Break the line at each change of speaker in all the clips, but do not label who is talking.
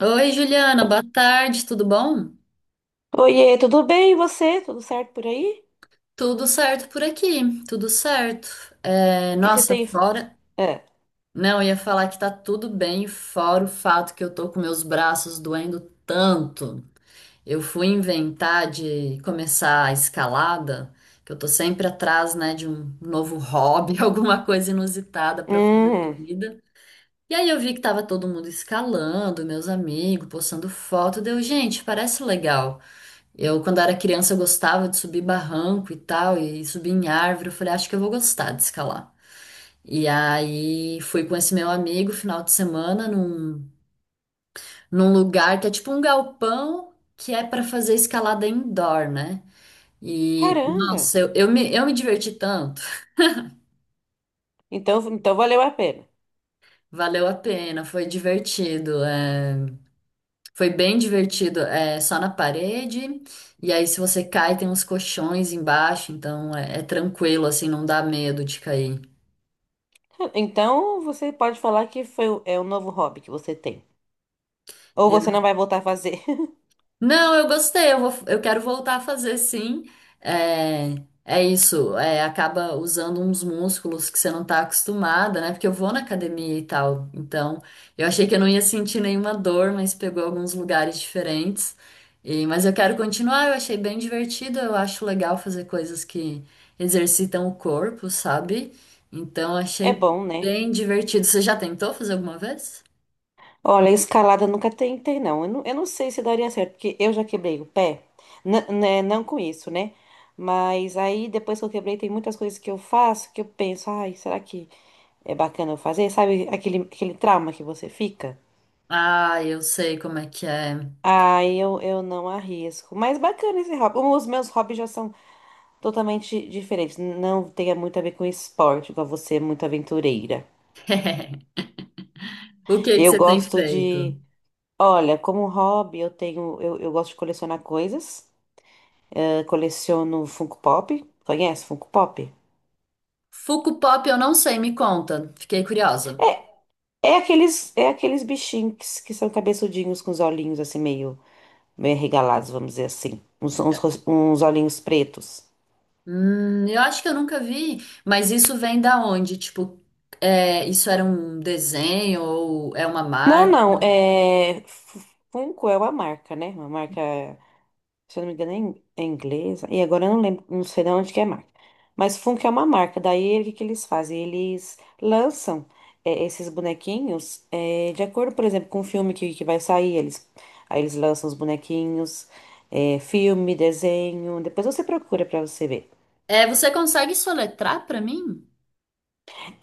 Oi, Juliana, boa tarde, tudo bom?
Oiê, tudo bem? E você? Tudo certo por aí?
Tudo certo por aqui, tudo certo. É,
O que que você
nossa,
tem?
fora.
É.
Não, eu ia falar que tá tudo bem, fora o fato que eu tô com meus braços doendo tanto. Eu fui inventar de começar a escalada, que eu tô sempre atrás, né, de um novo hobby, alguma coisa inusitada pra fazer da
Hum,
vida. E aí eu vi que tava todo mundo escalando, meus amigos, postando foto, deu, gente, parece legal. Eu, quando era criança, eu gostava de subir barranco e tal, e subir em árvore. Eu falei, acho que eu vou gostar de escalar. E aí fui com esse meu amigo final de semana num lugar que é tipo um galpão que é para fazer escalada indoor, né? E
caramba.
nossa, eu me diverti tanto,
Então, então valeu a pena.
valeu a pena, foi divertido, é, foi bem divertido, é só na parede. E aí, se você cai, tem uns colchões embaixo, então é tranquilo, assim, não dá medo de cair.
Então você pode falar que foi, é um novo hobby que você tem. Ou você não vai voltar a fazer.
Não, eu gostei, eu vou, eu quero voltar a fazer sim. É, é isso, é, acaba usando uns músculos que você não tá acostumada, né? Porque eu vou na academia e tal, então eu achei que eu não ia sentir nenhuma dor, mas pegou alguns lugares diferentes. E, mas eu quero continuar, eu achei bem divertido, eu acho legal fazer coisas que exercitam o corpo, sabe? Então eu
É
achei
bom, né?
bem divertido. Você já tentou fazer alguma vez?
Olha, escalada eu nunca tentei, não. Eu não sei se daria certo, porque eu já quebrei o pé. Né, não com isso, né? Mas aí, depois que eu quebrei, tem muitas coisas que eu faço que eu penso, ai, será que é bacana eu fazer? Sabe aquele trauma que você fica?
Ah, eu sei como é que é.
Ah, eu não arrisco. Mas bacana esse hobby. Os meus hobbies já são totalmente diferentes. Não tem muito a ver com esporte, igual você é muito aventureira.
O que que
Eu
você tem
gosto
feito?
de. Olha, como hobby, eu tenho. Eu gosto de colecionar coisas. Coleciono Funko Pop. Conhece Funko Pop?
Funko Pop eu não sei, me conta. Fiquei curiosa.
É aqueles bichinhos que são cabeçudinhos com os olhinhos assim meio arregalados, vamos dizer assim. Uns olhinhos pretos.
Eu acho que eu nunca vi, mas isso vem da onde? Tipo, é, isso era um desenho ou é uma
Não,
marca?
não, é... Funko é uma marca, né? Uma marca, se eu não me engano, é inglesa. E agora eu não lembro, não sei de onde que é a marca. Mas Funko é uma marca. Daí, o que que eles fazem? Eles lançam esses bonequinhos de acordo, por exemplo, com o filme que vai sair. Aí eles lançam os bonequinhos, filme, desenho. Depois você procura pra você ver.
É, você consegue soletrar pra mim?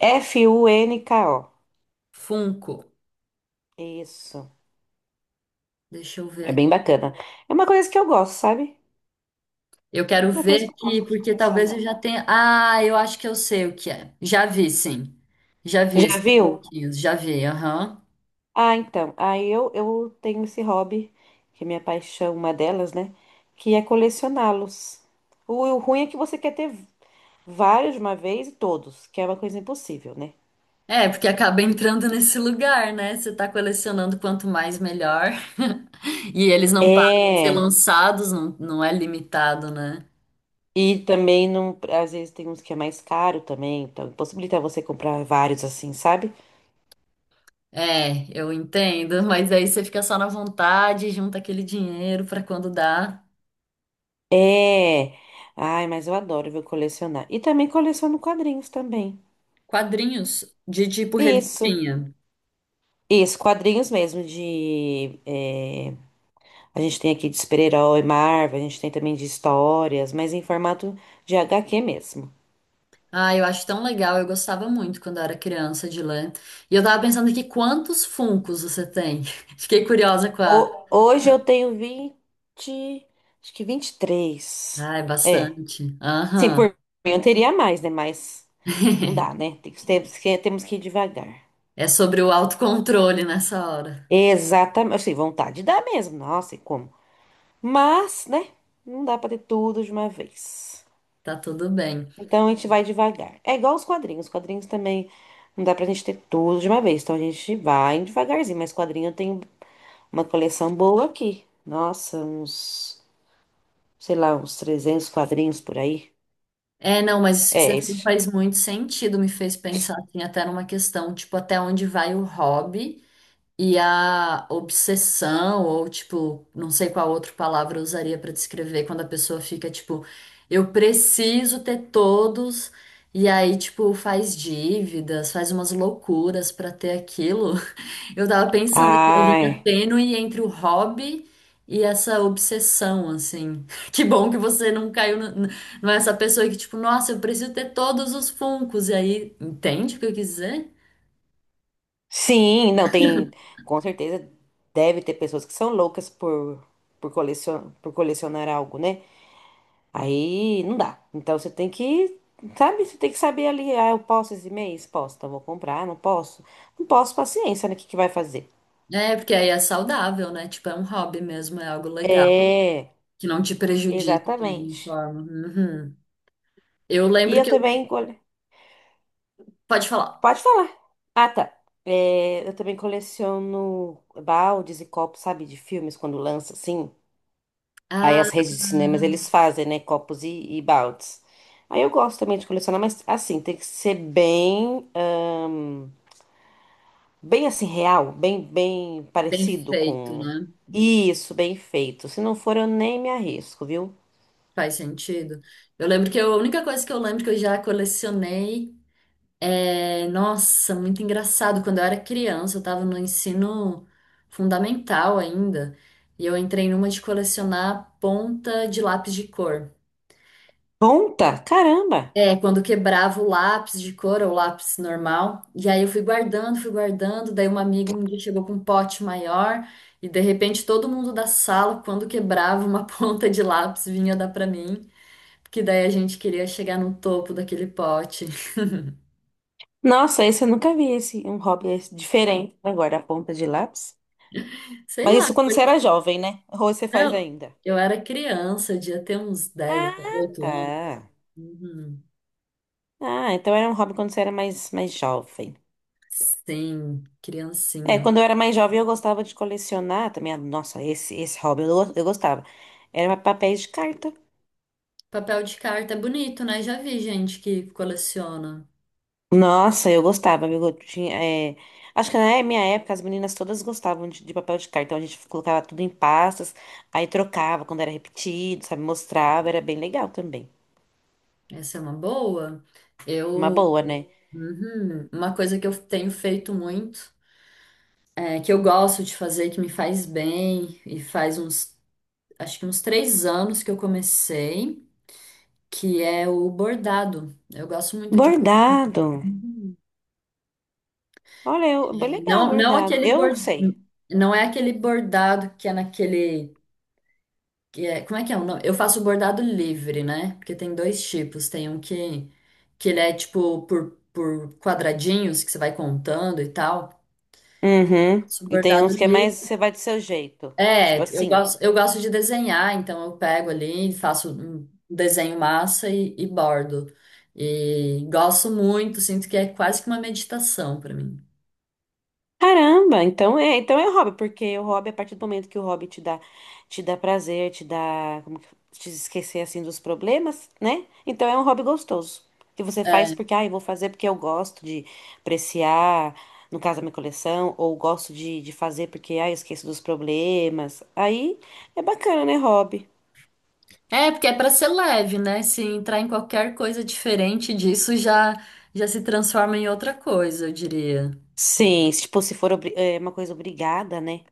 F-U-N-K-O.
Funko.
Isso.
Deixa eu ver
É bem
aqui.
bacana. É uma coisa que eu gosto, sabe?
Eu quero
Uma
ver
coisa que eu
aqui,
gosto de
porque talvez eu
colecionar.
já tenha. Ah, eu acho que eu sei o que é. Já vi, sim. Já vi
Já
esses
viu?
funkinhos, já vi, aham.
Ah, então. Eu tenho esse hobby, que é minha paixão, uma delas, né? Que é colecioná-los. O ruim é que você quer ter vários de uma vez e todos, que é uma coisa impossível, né?
É, porque acaba entrando nesse lugar, né? Você tá colecionando quanto mais melhor. E eles não param de ser
É.
lançados, não, não é limitado, né?
E também não, às vezes tem uns que é mais caro também, então possibilita você comprar vários assim, sabe?
É, eu entendo, mas aí você fica só na vontade, junta aquele dinheiro pra quando dá.
É. Ai, mas eu adoro ver colecionar. E também coleciono quadrinhos também.
Quadrinhos de tipo
Isso.
revistinha.
Isso, quadrinhos mesmo de. A gente tem aqui de super-herói, Marvel, a gente tem também de histórias, mas em formato de HQ mesmo.
Ah, eu acho tão legal, eu gostava muito quando eu era criança de ler. E eu tava pensando aqui quantos Funkos você tem? Fiquei curiosa com a.
Hoje eu tenho 20, acho que 23.
Ah, é
É.
bastante.
Sim,
Aham.
por mim eu teria mais, né? Mas não dá, né? Temos temos que ir devagar.
É sobre o autocontrole nessa hora.
Exatamente. Assim, vontade dá mesmo. Nossa, e como? Mas, né? Não dá pra ter tudo de uma vez.
Tá tudo bem.
Então a gente vai devagar. É igual os quadrinhos. Os quadrinhos também não dá pra gente ter tudo de uma vez. Então a gente vai devagarzinho. Mas quadrinho eu tenho uma coleção boa aqui. Nossa, uns, sei lá, uns 300 quadrinhos por aí.
É, não, mas isso que
É
você falou
esse.
faz muito sentido, me fez pensar assim, até numa questão, tipo, até onde vai o hobby e a obsessão, ou tipo, não sei qual outra palavra eu usaria pra descrever quando a pessoa fica, tipo, eu preciso ter todos, e aí, tipo, faz dívidas, faz umas loucuras pra ter aquilo. Eu tava pensando que a linha
Ai,
tênue entre o hobby e essa obsessão, assim. Que bom que você não caiu, não é essa pessoa que, tipo, nossa, eu preciso ter todos os funcos. E aí, entende o que eu quis dizer?
sim, não tem. Com certeza deve ter pessoas que são loucas por colecionar algo, né? Aí não dá. Então você tem que, sabe? Você tem que saber ali, ah, eu posso esse mês? Posso, então vou comprar, não posso. Não posso, paciência, né? O que que vai fazer?
É, porque aí é saudável, né? Tipo, é um hobby mesmo, é algo legal,
É,
que não te prejudica de nenhuma
exatamente.
forma. Uhum. Eu
E
lembro
eu
que eu.
também, cole-
Pode falar.
pode falar. Ah, tá. É, eu também coleciono baldes e copos, sabe, de filmes quando lança, assim. Aí
Ah,
as redes de cinemas eles
uhum.
fazem, né, copos e baldes. Aí eu gosto também de colecionar, mas assim, tem que ser bem. Bem assim, real, bem
Bem
parecido
feito,
com.
né?
Isso, bem feito. Se não for, eu nem me arrisco, viu?
Faz sentido. Eu lembro que eu- A única coisa que eu lembro que eu já colecionei. É, nossa, muito engraçado. Quando eu era criança, eu estava no ensino fundamental ainda, e eu entrei numa de colecionar ponta de lápis de cor.
Ponta? Caramba!
É, quando quebrava o lápis de cor ou lápis normal. E aí eu fui guardando, fui guardando. Daí uma amiga um dia chegou com um pote maior. E de repente todo mundo da sala, quando quebrava uma ponta de lápis, vinha dar pra mim. Porque daí a gente queria chegar no topo daquele pote.
Nossa, esse eu nunca vi, esse, um hobby esse diferente. Agora, a ponta de lápis.
Sei
Mas
lá.
isso quando você era jovem, né? Ou você faz
Eu,
ainda?
eu era criança, eu devia ter uns dez,
Ah,
oito
tá.
anos. Uhum.
Ah, então era um hobby quando você era mais jovem.
Sim,
É,
criancinha.
quando eu era mais jovem, eu gostava de colecionar também. Nossa, esse hobby eu, eu gostava. Era papéis de carta.
Papel de carta é bonito, né? Já vi gente que coleciona.
Nossa, eu gostava, viu? Eu tinha, é, acho que na minha época as meninas todas gostavam de papel de carta, então a gente colocava tudo em pastas, aí trocava quando era repetido, sabe? Mostrava, era bem legal também.
Essa é uma boa.
Uma
Eu,
boa, né?
uhum, uma coisa que eu tenho feito muito, é, que eu gosto de fazer, que me faz bem, e faz uns, acho que uns 3 anos que eu comecei, que é o bordado. Eu gosto muito de.
Bordado.
Uhum.
Olha, eu, bem legal
Não, não
bordado.
aquele
Eu não
bor...
sei.
não é aquele bordado que é naquele que é... como é que é? O nome? Eu faço bordado livre, né? Porque tem 2 tipos, tem um que ele é tipo por quadradinhos que você vai contando e tal.
Uhum.
Faço
E tem
bordado
uns que é mais
livre.
você vai do seu jeito. Tipo
É, eu
assim.
gosto eu gosto de desenhar, então eu pego ali, faço um desenho massa e bordo. E gosto muito, sinto que é quase que uma meditação pra mim.
Caramba, então é hobby, porque o hobby, a partir do momento que o hobby te dá prazer, te dá, como que, te esquecer assim dos problemas, né? Então é um hobby gostoso, que você faz
É,
porque, ah, eu vou fazer porque eu gosto de apreciar, no caso, a minha coleção, ou gosto de fazer porque, ah, eu esqueço dos problemas. Aí é bacana, né, hobby?
É, porque é para ser leve, né? Se entrar em qualquer coisa diferente disso, já se transforma em outra coisa, eu diria.
Sim, se, tipo, se é uma coisa obrigada, né?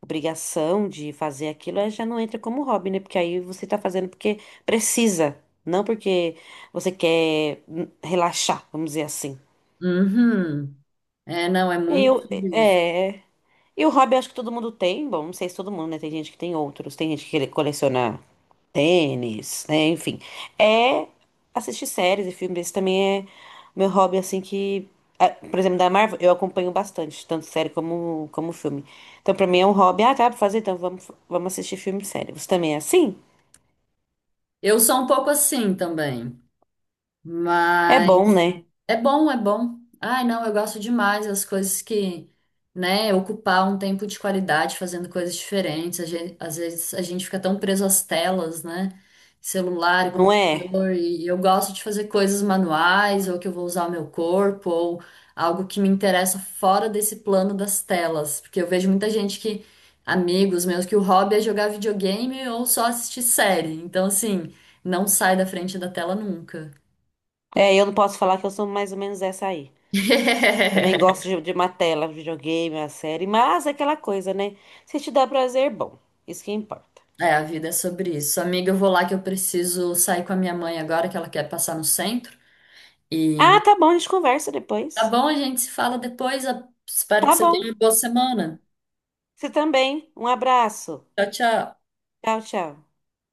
Obrigação de fazer aquilo, aí já não entra como hobby, né? Porque aí você tá fazendo porque precisa, não porque você quer relaxar, vamos dizer assim.
Uhum. É, não, é
E
muito
Eu,
sobre isso.
é, e o hobby eu acho que todo mundo tem, bom, não sei se todo mundo, né? Tem gente que tem outros, tem gente que coleciona tênis, né? Enfim, é assistir séries e filmes. Esse também é meu hobby, assim, que... Por exemplo, da Marvel, eu acompanho bastante, tanto série como filme. Então, pra mim é um hobby. Ah, dá pra fazer? Então, vamos assistir filme e série. Você também é assim?
Eu sou um pouco assim também,
É
mas.
bom, né?
É bom, é bom. Ai, não, eu gosto demais das coisas que, né, ocupar um tempo de qualidade fazendo coisas diferentes. Às vezes a gente fica tão preso às telas, né? Celular,
Não é?
computador, e eu gosto de fazer coisas manuais, ou que eu vou usar o meu corpo, ou algo que me interessa fora desse plano das telas. Porque eu vejo muita gente que, amigos meus, que o hobby é jogar videogame ou só assistir série. Então, assim, não sai da frente da tela nunca.
É, eu não posso falar que eu sou mais ou menos essa aí. Também gosto de uma tela, videogame, uma série, mas é aquela coisa, né? Se te dá prazer, bom. Isso que importa.
É, a vida é sobre isso. Amiga, eu vou lá que eu preciso sair com a minha mãe agora, que ela quer passar no centro. E
Ah, tá bom, a gente conversa
tá
depois.
bom, a gente se fala depois. Espero que
Tá
você
bom.
tenha uma boa semana.
Você também. Um abraço.
Tchau, tchau.
Tchau, tchau.